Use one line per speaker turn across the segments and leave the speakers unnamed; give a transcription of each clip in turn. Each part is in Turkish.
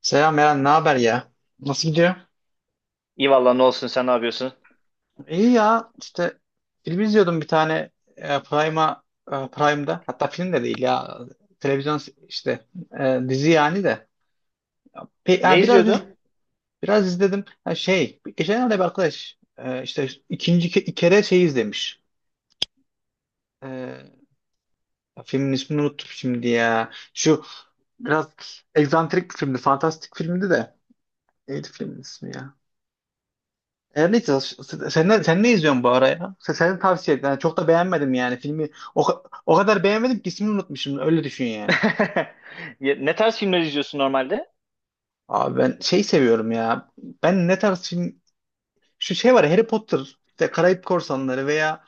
Selam Eren, ne haber ya? Nasıl gidiyor?
İyi valla ne olsun sen ne yapıyorsun?
İyi ya, işte film izliyordum bir tane e, Prime'a, Prime'da. Hatta film de değil ya, televizyon işte dizi yani de. Pe-
Ne
ya biraz iz-
izliyordun?
Biraz izledim. Ha, şey, geçenlerde bir arkadaş işte ikinci kere şey izlemiş. E, Filmin ismini unuttum şimdi ya. Şu biraz egzantrik bir filmdi, fantastik filmdi de. Neydi filmin ismi ya? Her neyse sen ne izliyorsun bu ara ya? Senin tavsiye et. Yani çok da beğenmedim yani filmi. O kadar beğenmedim ki ismini unutmuşum. Öyle düşün yani.
Ya, ne tarz filmler izliyorsun normalde?
Abi ben şey seviyorum ya. Ben ne tarz film şu şey var ya, Harry Potter, işte Karayip Korsanları veya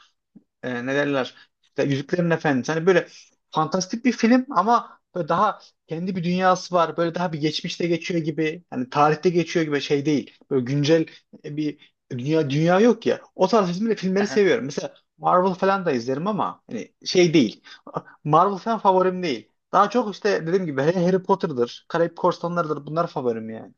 ne derler işte Yüzüklerin Efendisi. Hani böyle fantastik bir film ama böyle daha kendi bir dünyası var. Böyle daha bir geçmişte geçiyor gibi. Hani tarihte geçiyor gibi şey değil. Böyle güncel bir dünya yok ya. O tarz filmleri
Aha.
seviyorum. Mesela Marvel falan da izlerim ama hani şey değil. Marvel falan favorim değil. Daha çok işte dediğim gibi Harry Potter'dır, Karayip Korsanları'dır. Bunlar favorim yani.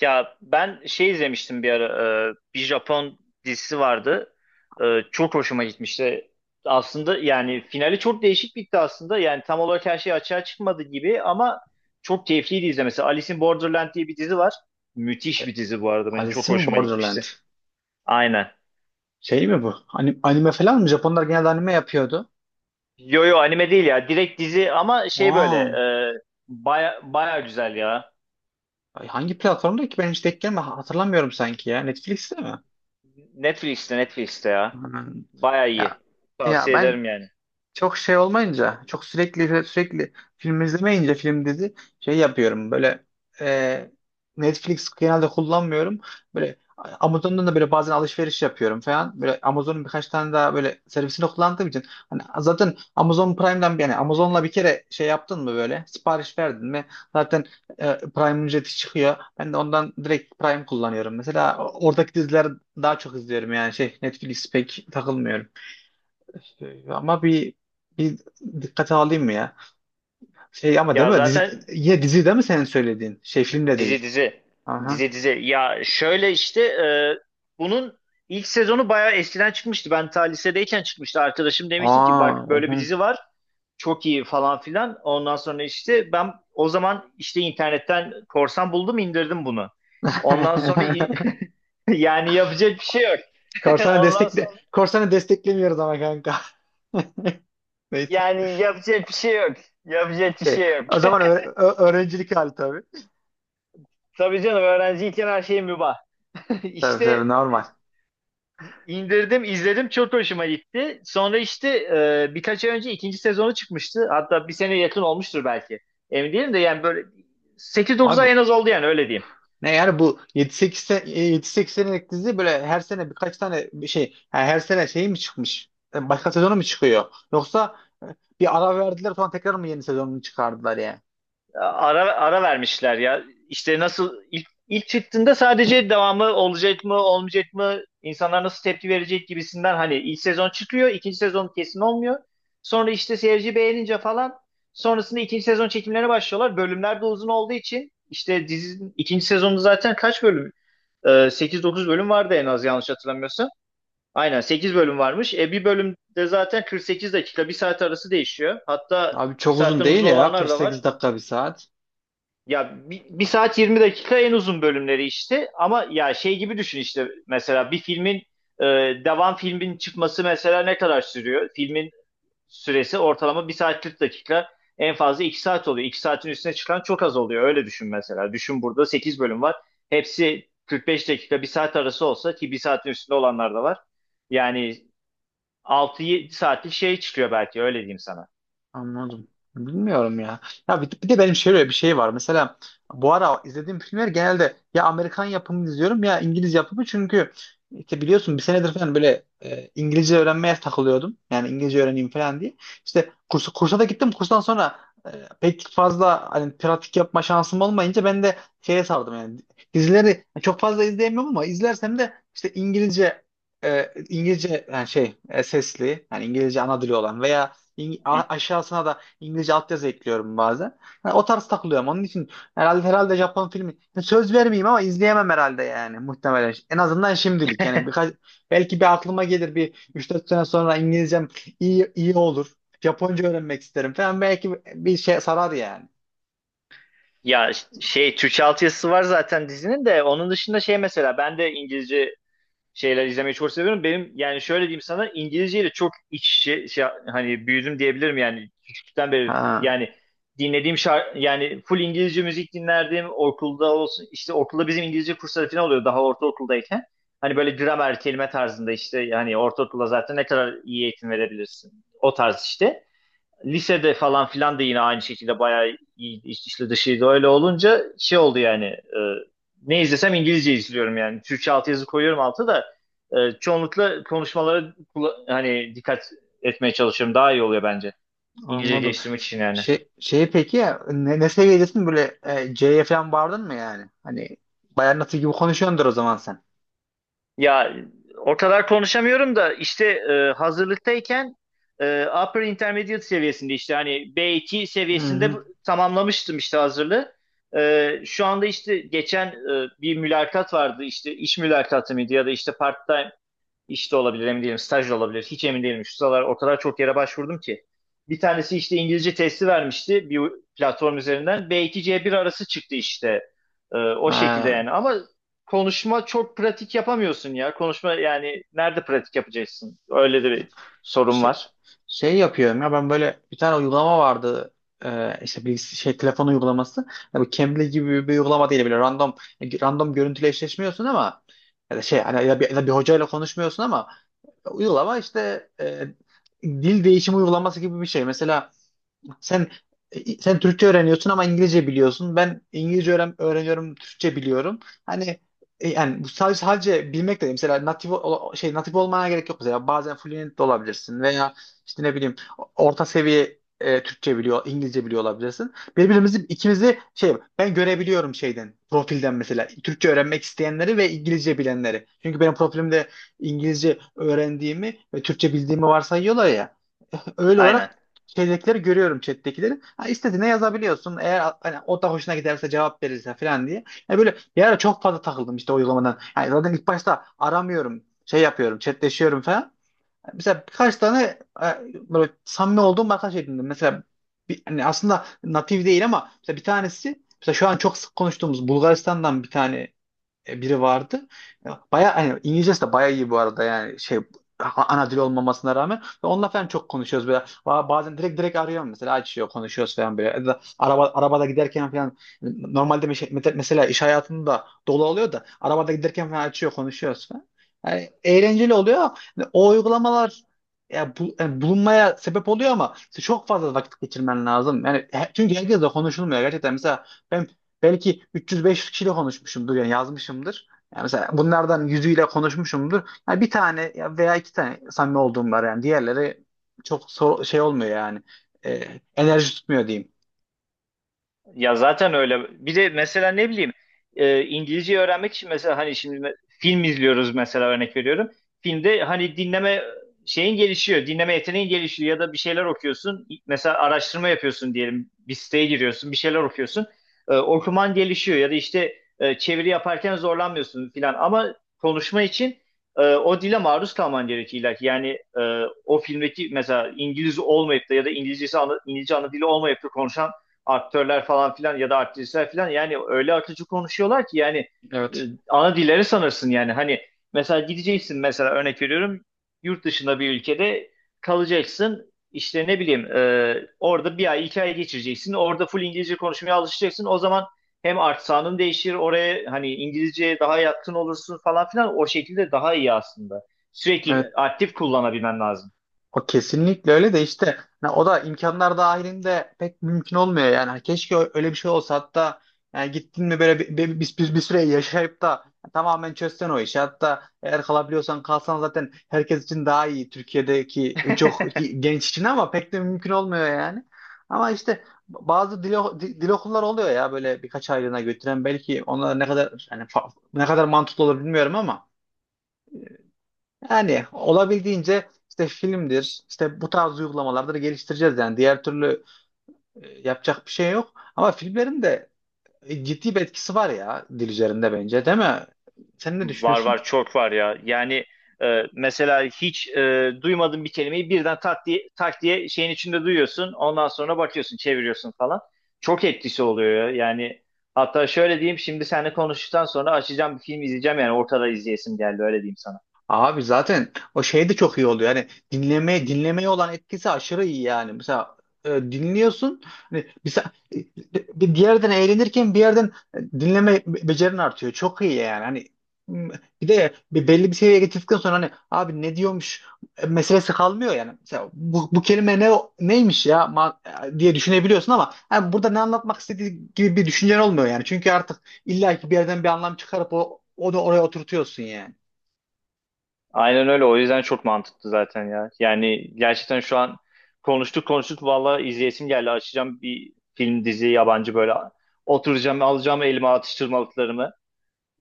Ya ben şey izlemiştim bir ara. Bir Japon dizisi vardı. E, Çok hoşuma gitmişti. Aslında yani finali çok değişik bitti aslında. Yani tam olarak her şey açığa çıkmadı gibi ama çok keyifliydi izlemesi. Alice in Borderland diye bir dizi var. Müthiş bir dizi bu arada. Benim
Alice
çok
in
hoşuma gitmişti.
Borderland.
Aynen.
Şey mi bu? Anime falan mı? Japonlar genelde anime yapıyordu.
Yo yo anime değil ya. Direkt dizi ama şey böyle
Aa.
e, baya, baya güzel ya.
Ay, hangi platformda ki ben hiç denk gelme hatırlamıyorum sanki ya. Netflix'te mi?
Netflix'te Netflix'te ya.
Hmm.
Baya
Ya
iyi. Tavsiye
Ben
ederim yani.
çok şey olmayınca, çok sürekli sürekli film izlemeyince film dizi şey yapıyorum böyle. e, Netflix genelde kullanmıyorum. Böyle Amazon'dan da böyle bazen alışveriş yapıyorum falan. Böyle Amazon'un birkaç tane daha böyle servisini kullandığım için hani zaten Amazon Prime'den yani Amazon'la bir kere şey yaptın mı böyle sipariş verdin mi zaten Prime ücreti çıkıyor. Ben de ondan direkt Prime kullanıyorum. Mesela oradaki dizileri daha çok izliyorum yani şey Netflix pek takılmıyorum. İşte ama bir dikkate alayım mı ya? Şey ama değil
Ya
mi? Dizi,
zaten
yine dizi değil mi senin söylediğin? Şey film de
dizi
değil.
dizi.
Aha.
Dizi dizi. Ya şöyle işte bunun ilk sezonu baya eskiden çıkmıştı. Ben ta lisedeyken çıkmıştı. Arkadaşım demişti ki
Aa,
bak böyle
oha.
bir dizi var. Çok iyi falan filan. Ondan sonra işte ben o zaman işte internetten korsan buldum indirdim bunu. Ondan sonra yani yapacak bir şey yok.
Korsanı
Ondan
destekle
sonra
Korsanı desteklemiyoruz ama kanka. Neyse.
yani yapacak bir şey yok. Yapacak bir
Şey,
şey yok.
o zaman öğrencilik hali tabii.
Tabii canım öğrenciyken her şey mübah.
Tabii tabii
İşte
normal.
indirdim, izledim çok hoşuma gitti. Sonra işte birkaç ay önce ikinci sezonu çıkmıştı. Hatta bir sene yakın olmuştur belki. Emin değilim de yani böyle sekiz 9
Abi
ay en az oldu yani öyle diyeyim.
ne yani bu 7-8 sene, 7-8 senelik dizi böyle her sene birkaç tane bir şey yani her sene şey mi çıkmış? Başka sezonu mu çıkıyor? Yoksa e, bir ara verdiler sonra tekrar mı yeni sezonunu çıkardılar yani?
Ara ara vermişler ya. İşte nasıl ilk çıktığında sadece devamı olacak mı olmayacak mı insanlar nasıl tepki verecek gibisinden hani ilk sezon çıkıyor ikinci sezon kesin olmuyor. Sonra işte seyirci beğenince falan sonrasında ikinci sezon çekimlerine başlıyorlar. Bölümler de uzun olduğu için işte dizinin ikinci sezonu zaten kaç bölüm? 8-9 bölüm vardı en az yanlış hatırlamıyorsam. Aynen 8 bölüm varmış. Bir bölümde zaten 48 dakika bir saat arası değişiyor. Hatta
Abi
bir
çok uzun
saatten
değil
uzun
ya
olanlar
kırk
da var.
sekiz dakika bir saat.
Ya bir saat 20 dakika en uzun bölümleri işte ama ya şey gibi düşün işte mesela bir filmin e, devam filmin çıkması mesela ne kadar sürüyor? Filmin süresi ortalama bir saat 40 dakika en fazla 2 saat oluyor. 2 saatin üstüne çıkan çok az oluyor öyle düşün mesela. Düşün burada 8 bölüm var. Hepsi 45 dakika bir saat arası olsa ki bir saatin üstünde olanlar da var. Yani 6 saatlik şey çıkıyor belki öyle diyeyim sana.
Anladım. Bilmiyorum ya. Ya bir de benim şöyle bir şey var. Mesela bu ara izlediğim filmler genelde ya Amerikan yapımı izliyorum ya İngiliz yapımı çünkü işte biliyorsun bir senedir falan böyle İngilizce öğrenmeye takılıyordum. Yani İngilizce öğreneyim falan diye. İşte kursa da gittim. Kurstan sonra e, pek fazla hani pratik yapma şansım olmayınca ben de şeye sardım yani. Dizileri çok fazla izleyemiyorum ama izlersem de işte İngilizce sesli yani İngilizce ana dili olan veya aşağısına da İngilizce altyazı ekliyorum bazen. Yani o tarz takılıyorum. Onun için herhalde Japon filmi yani söz vermeyeyim ama izleyemem herhalde yani muhtemelen. En azından şimdilik yani birkaç belki bir aklıma gelir bir 3-4 sene sonra İngilizcem iyi olur. Japonca öğrenmek isterim falan belki bir şey sarar yani.
Ya şey Türkçe altyazısı var zaten dizinin de onun dışında şey mesela ben de İngilizce şeyler izlemeyi çok seviyorum. Benim yani şöyle diyeyim sana İngilizceyle çok iç içe şey, hani büyüdüm diyebilirim yani küçüklükten beri
Ha,
yani dinlediğim şarkı yani full İngilizce müzik dinlerdim okulda olsun işte okulda bizim İngilizce kursları falan oluyor daha ortaokuldayken. Hani böyle gramer kelime tarzında işte hani ortaokulda zaten ne kadar iyi eğitim verebilirsin o tarz işte lisede falan filan da yine aynı şekilde bayağı iyi içli dışıydı. Öyle olunca şey oldu yani ne izlesem İngilizce izliyorum yani. Türkçe altyazı koyuyorum altı da çoğunlukla konuşmalara hani dikkat etmeye çalışıyorum. Daha iyi oluyor bence. İngilizce
anladım.
geliştirmek için yani.
Peki ya ne, seviyedesin böyle C'ye falan vardın mı yani? Hani bayan nasıl gibi konuşuyordur o zaman sen.
Ya o kadar konuşamıyorum da işte hazırlıktayken upper intermediate seviyesinde işte hani B2
Hı
seviyesinde
hı.
tamamlamıştım işte hazırlığı. Şu anda işte geçen bir mülakat vardı işte iş mülakatı mıydı ya da işte part işte olabilir emin değilim. Staj da olabilir. Hiç emin değilim. Şu sıralar o kadar çok yere başvurdum ki. Bir tanesi işte İngilizce testi vermişti bir platform üzerinden. B2 C1 arası çıktı işte. O şekilde
Ha,
yani. Ama konuşma çok pratik yapamıyorsun ya. Konuşma yani nerede pratik yapacaksın? Öyle de bir sorun
şey-
var.
şey yapıyorum ya ben böyle bir tane uygulama vardı. İşte bir şey telefon uygulaması yani bu Cambly gibi bir uygulama değil böyle random görüntüyle eşleşmiyorsun ama ya da şey hani ya bir, ya da bir hocayla konuşmuyorsun ama uygulama işte dil değişimi uygulaması gibi bir şey mesela sen sen Türkçe öğreniyorsun ama İngilizce biliyorsun. Ben İngilizce öğreniyorum, Türkçe biliyorum. Hani yani bu sadece bilmek de değil. Mesela natif ol- şey natif olmana gerek yok mesela. Bazen fluent de olabilirsin veya işte ne bileyim orta seviye Türkçe biliyor, İngilizce biliyor olabilirsin. Birbirimizi ikimizi şey ben görebiliyorum şeyden, profilden mesela. Türkçe öğrenmek isteyenleri ve İngilizce bilenleri. Çünkü benim profilimde İngilizce öğrendiğimi ve Türkçe bildiğimi varsayıyorlar ya. Öyle olarak
Aynen.
şeydekileri görüyorum chat'tekileri. Ha, istediğine yazabiliyorsun. Eğer hani, o da hoşuna giderse cevap verirse falan diye. Yani böyle bir ara çok fazla takıldım işte o uygulamadan. Yani zaten ilk başta aramıyorum. Şey yapıyorum. Chatleşiyorum falan. Mesela birkaç tane e, böyle samimi olduğum arkadaş edindim. Mesela bir, hani aslında natif değil ama mesela bir tanesi mesela şu an çok sık konuştuğumuz Bulgaristan'dan bir tane biri vardı. Baya hani İngilizcesi de baya iyi bu arada yani şey ana dil olmamasına rağmen ve onunla falan çok konuşuyoruz böyle. Bazen direkt arıyorum mesela açıyor konuşuyoruz falan böyle ya da arabada giderken falan normalde mesela iş hayatında dolu oluyor da arabada giderken falan açıyor konuşuyoruz falan yani eğlenceli oluyor. Yani o uygulamalar ya yani bulunmaya sebep oluyor ama işte çok fazla vakit geçirmen lazım yani çünkü herkesle konuşulmuyor gerçekten mesela ben belki 300-500 kişiyle konuşmuşumdur yani yazmışımdır. Yani mesela bunlardan 100'üyle konuşmuşumdur. Yani bir tane ya veya iki tane samimi olduğum var yani. Diğerleri çok şey olmuyor yani. Enerji tutmuyor diyeyim.
Ya zaten öyle. Bir de mesela ne bileyim İngilizce öğrenmek için mesela hani şimdi film izliyoruz mesela örnek veriyorum. Filmde hani dinleme şeyin gelişiyor, dinleme yeteneğin gelişiyor ya da bir şeyler okuyorsun. Mesela araştırma yapıyorsun diyelim. Bir siteye giriyorsun, bir şeyler okuyorsun. Okuman gelişiyor ya da işte çeviri yaparken zorlanmıyorsun filan. Ama konuşma için o dile maruz kalman gerekiyor illa ki. Yani e, o filmdeki mesela İngiliz olmayıp da ya da İngilizcesi İngilizce ana dili olmayıp da konuşan aktörler falan filan ya da aktrisler filan yani öyle akıcı konuşuyorlar ki yani e,
Evet.
ana dilleri sanırsın yani hani mesela gideceksin mesela örnek veriyorum yurt dışında bir ülkede kalacaksın işte ne bileyim orada bir ay iki ay geçireceksin orada full İngilizce konuşmaya alışacaksın o zaman hem aksanın değişir oraya hani İngilizceye daha yatkın olursun falan filan o şekilde daha iyi aslında sürekli
Evet.
aktif kullanabilmen lazım.
O kesinlikle öyle de işte hani o da imkanlar dahilinde pek mümkün olmuyor yani. Hani keşke öyle bir şey olsa hatta yani gittin mi böyle bir süre yaşayıp da tamamen çözsen o işi. Hatta eğer kalabiliyorsan kalsan zaten herkes için daha iyi Türkiye'deki çok genç için ama pek de mümkün olmuyor yani. Ama işte bazı dil okulları oluyor ya böyle birkaç aylığına götüren belki onlar ne kadar yani ne kadar mantıklı olur bilmiyorum ama yani olabildiğince işte filmdir, işte bu tarz uygulamalardır geliştireceğiz yani. Diğer türlü yapacak bir şey yok. Ama filmlerin de ciddi bir etkisi var ya dil üzerinde bence, değil mi? Sen ne
Var
düşünüyorsun?
var çok var ya. Yani mesela hiç duymadığın bir kelimeyi birden tak diye, tak diye şeyin içinde duyuyorsun. Ondan sonra bakıyorsun, çeviriyorsun falan. Çok etkisi oluyor ya. Yani hatta şöyle diyeyim şimdi seninle konuştuktan sonra açacağım bir film izleyeceğim yani ortada izleyesim geldi öyle diyeyim sana.
Abi zaten o şey de çok iyi oluyor. Yani dinlemeye dinlemeye olan etkisi aşırı iyi yani. Mesela dinliyorsun. Hani bir diğerden eğlenirken bir yerden dinleme becerin artıyor. Çok iyi yani. Hani m, bir de bir belli bir seviyeye getirdikten sonra hani abi ne diyormuş meselesi kalmıyor yani. Mesela bu kelime ne neymiş ya diye düşünebiliyorsun ama hani burada ne anlatmak istediği gibi bir düşüncen olmuyor yani. Çünkü artık illa ki bir yerden bir anlam çıkarıp onu oraya oturtuyorsun yani.
Aynen öyle o yüzden çok mantıklı zaten ya. Yani gerçekten şu an konuştuk konuştuk valla izleyesim geldi. Açacağım bir film dizi yabancı böyle oturacağım alacağım elime atıştırmalıklarımı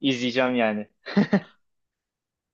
izleyeceğim yani.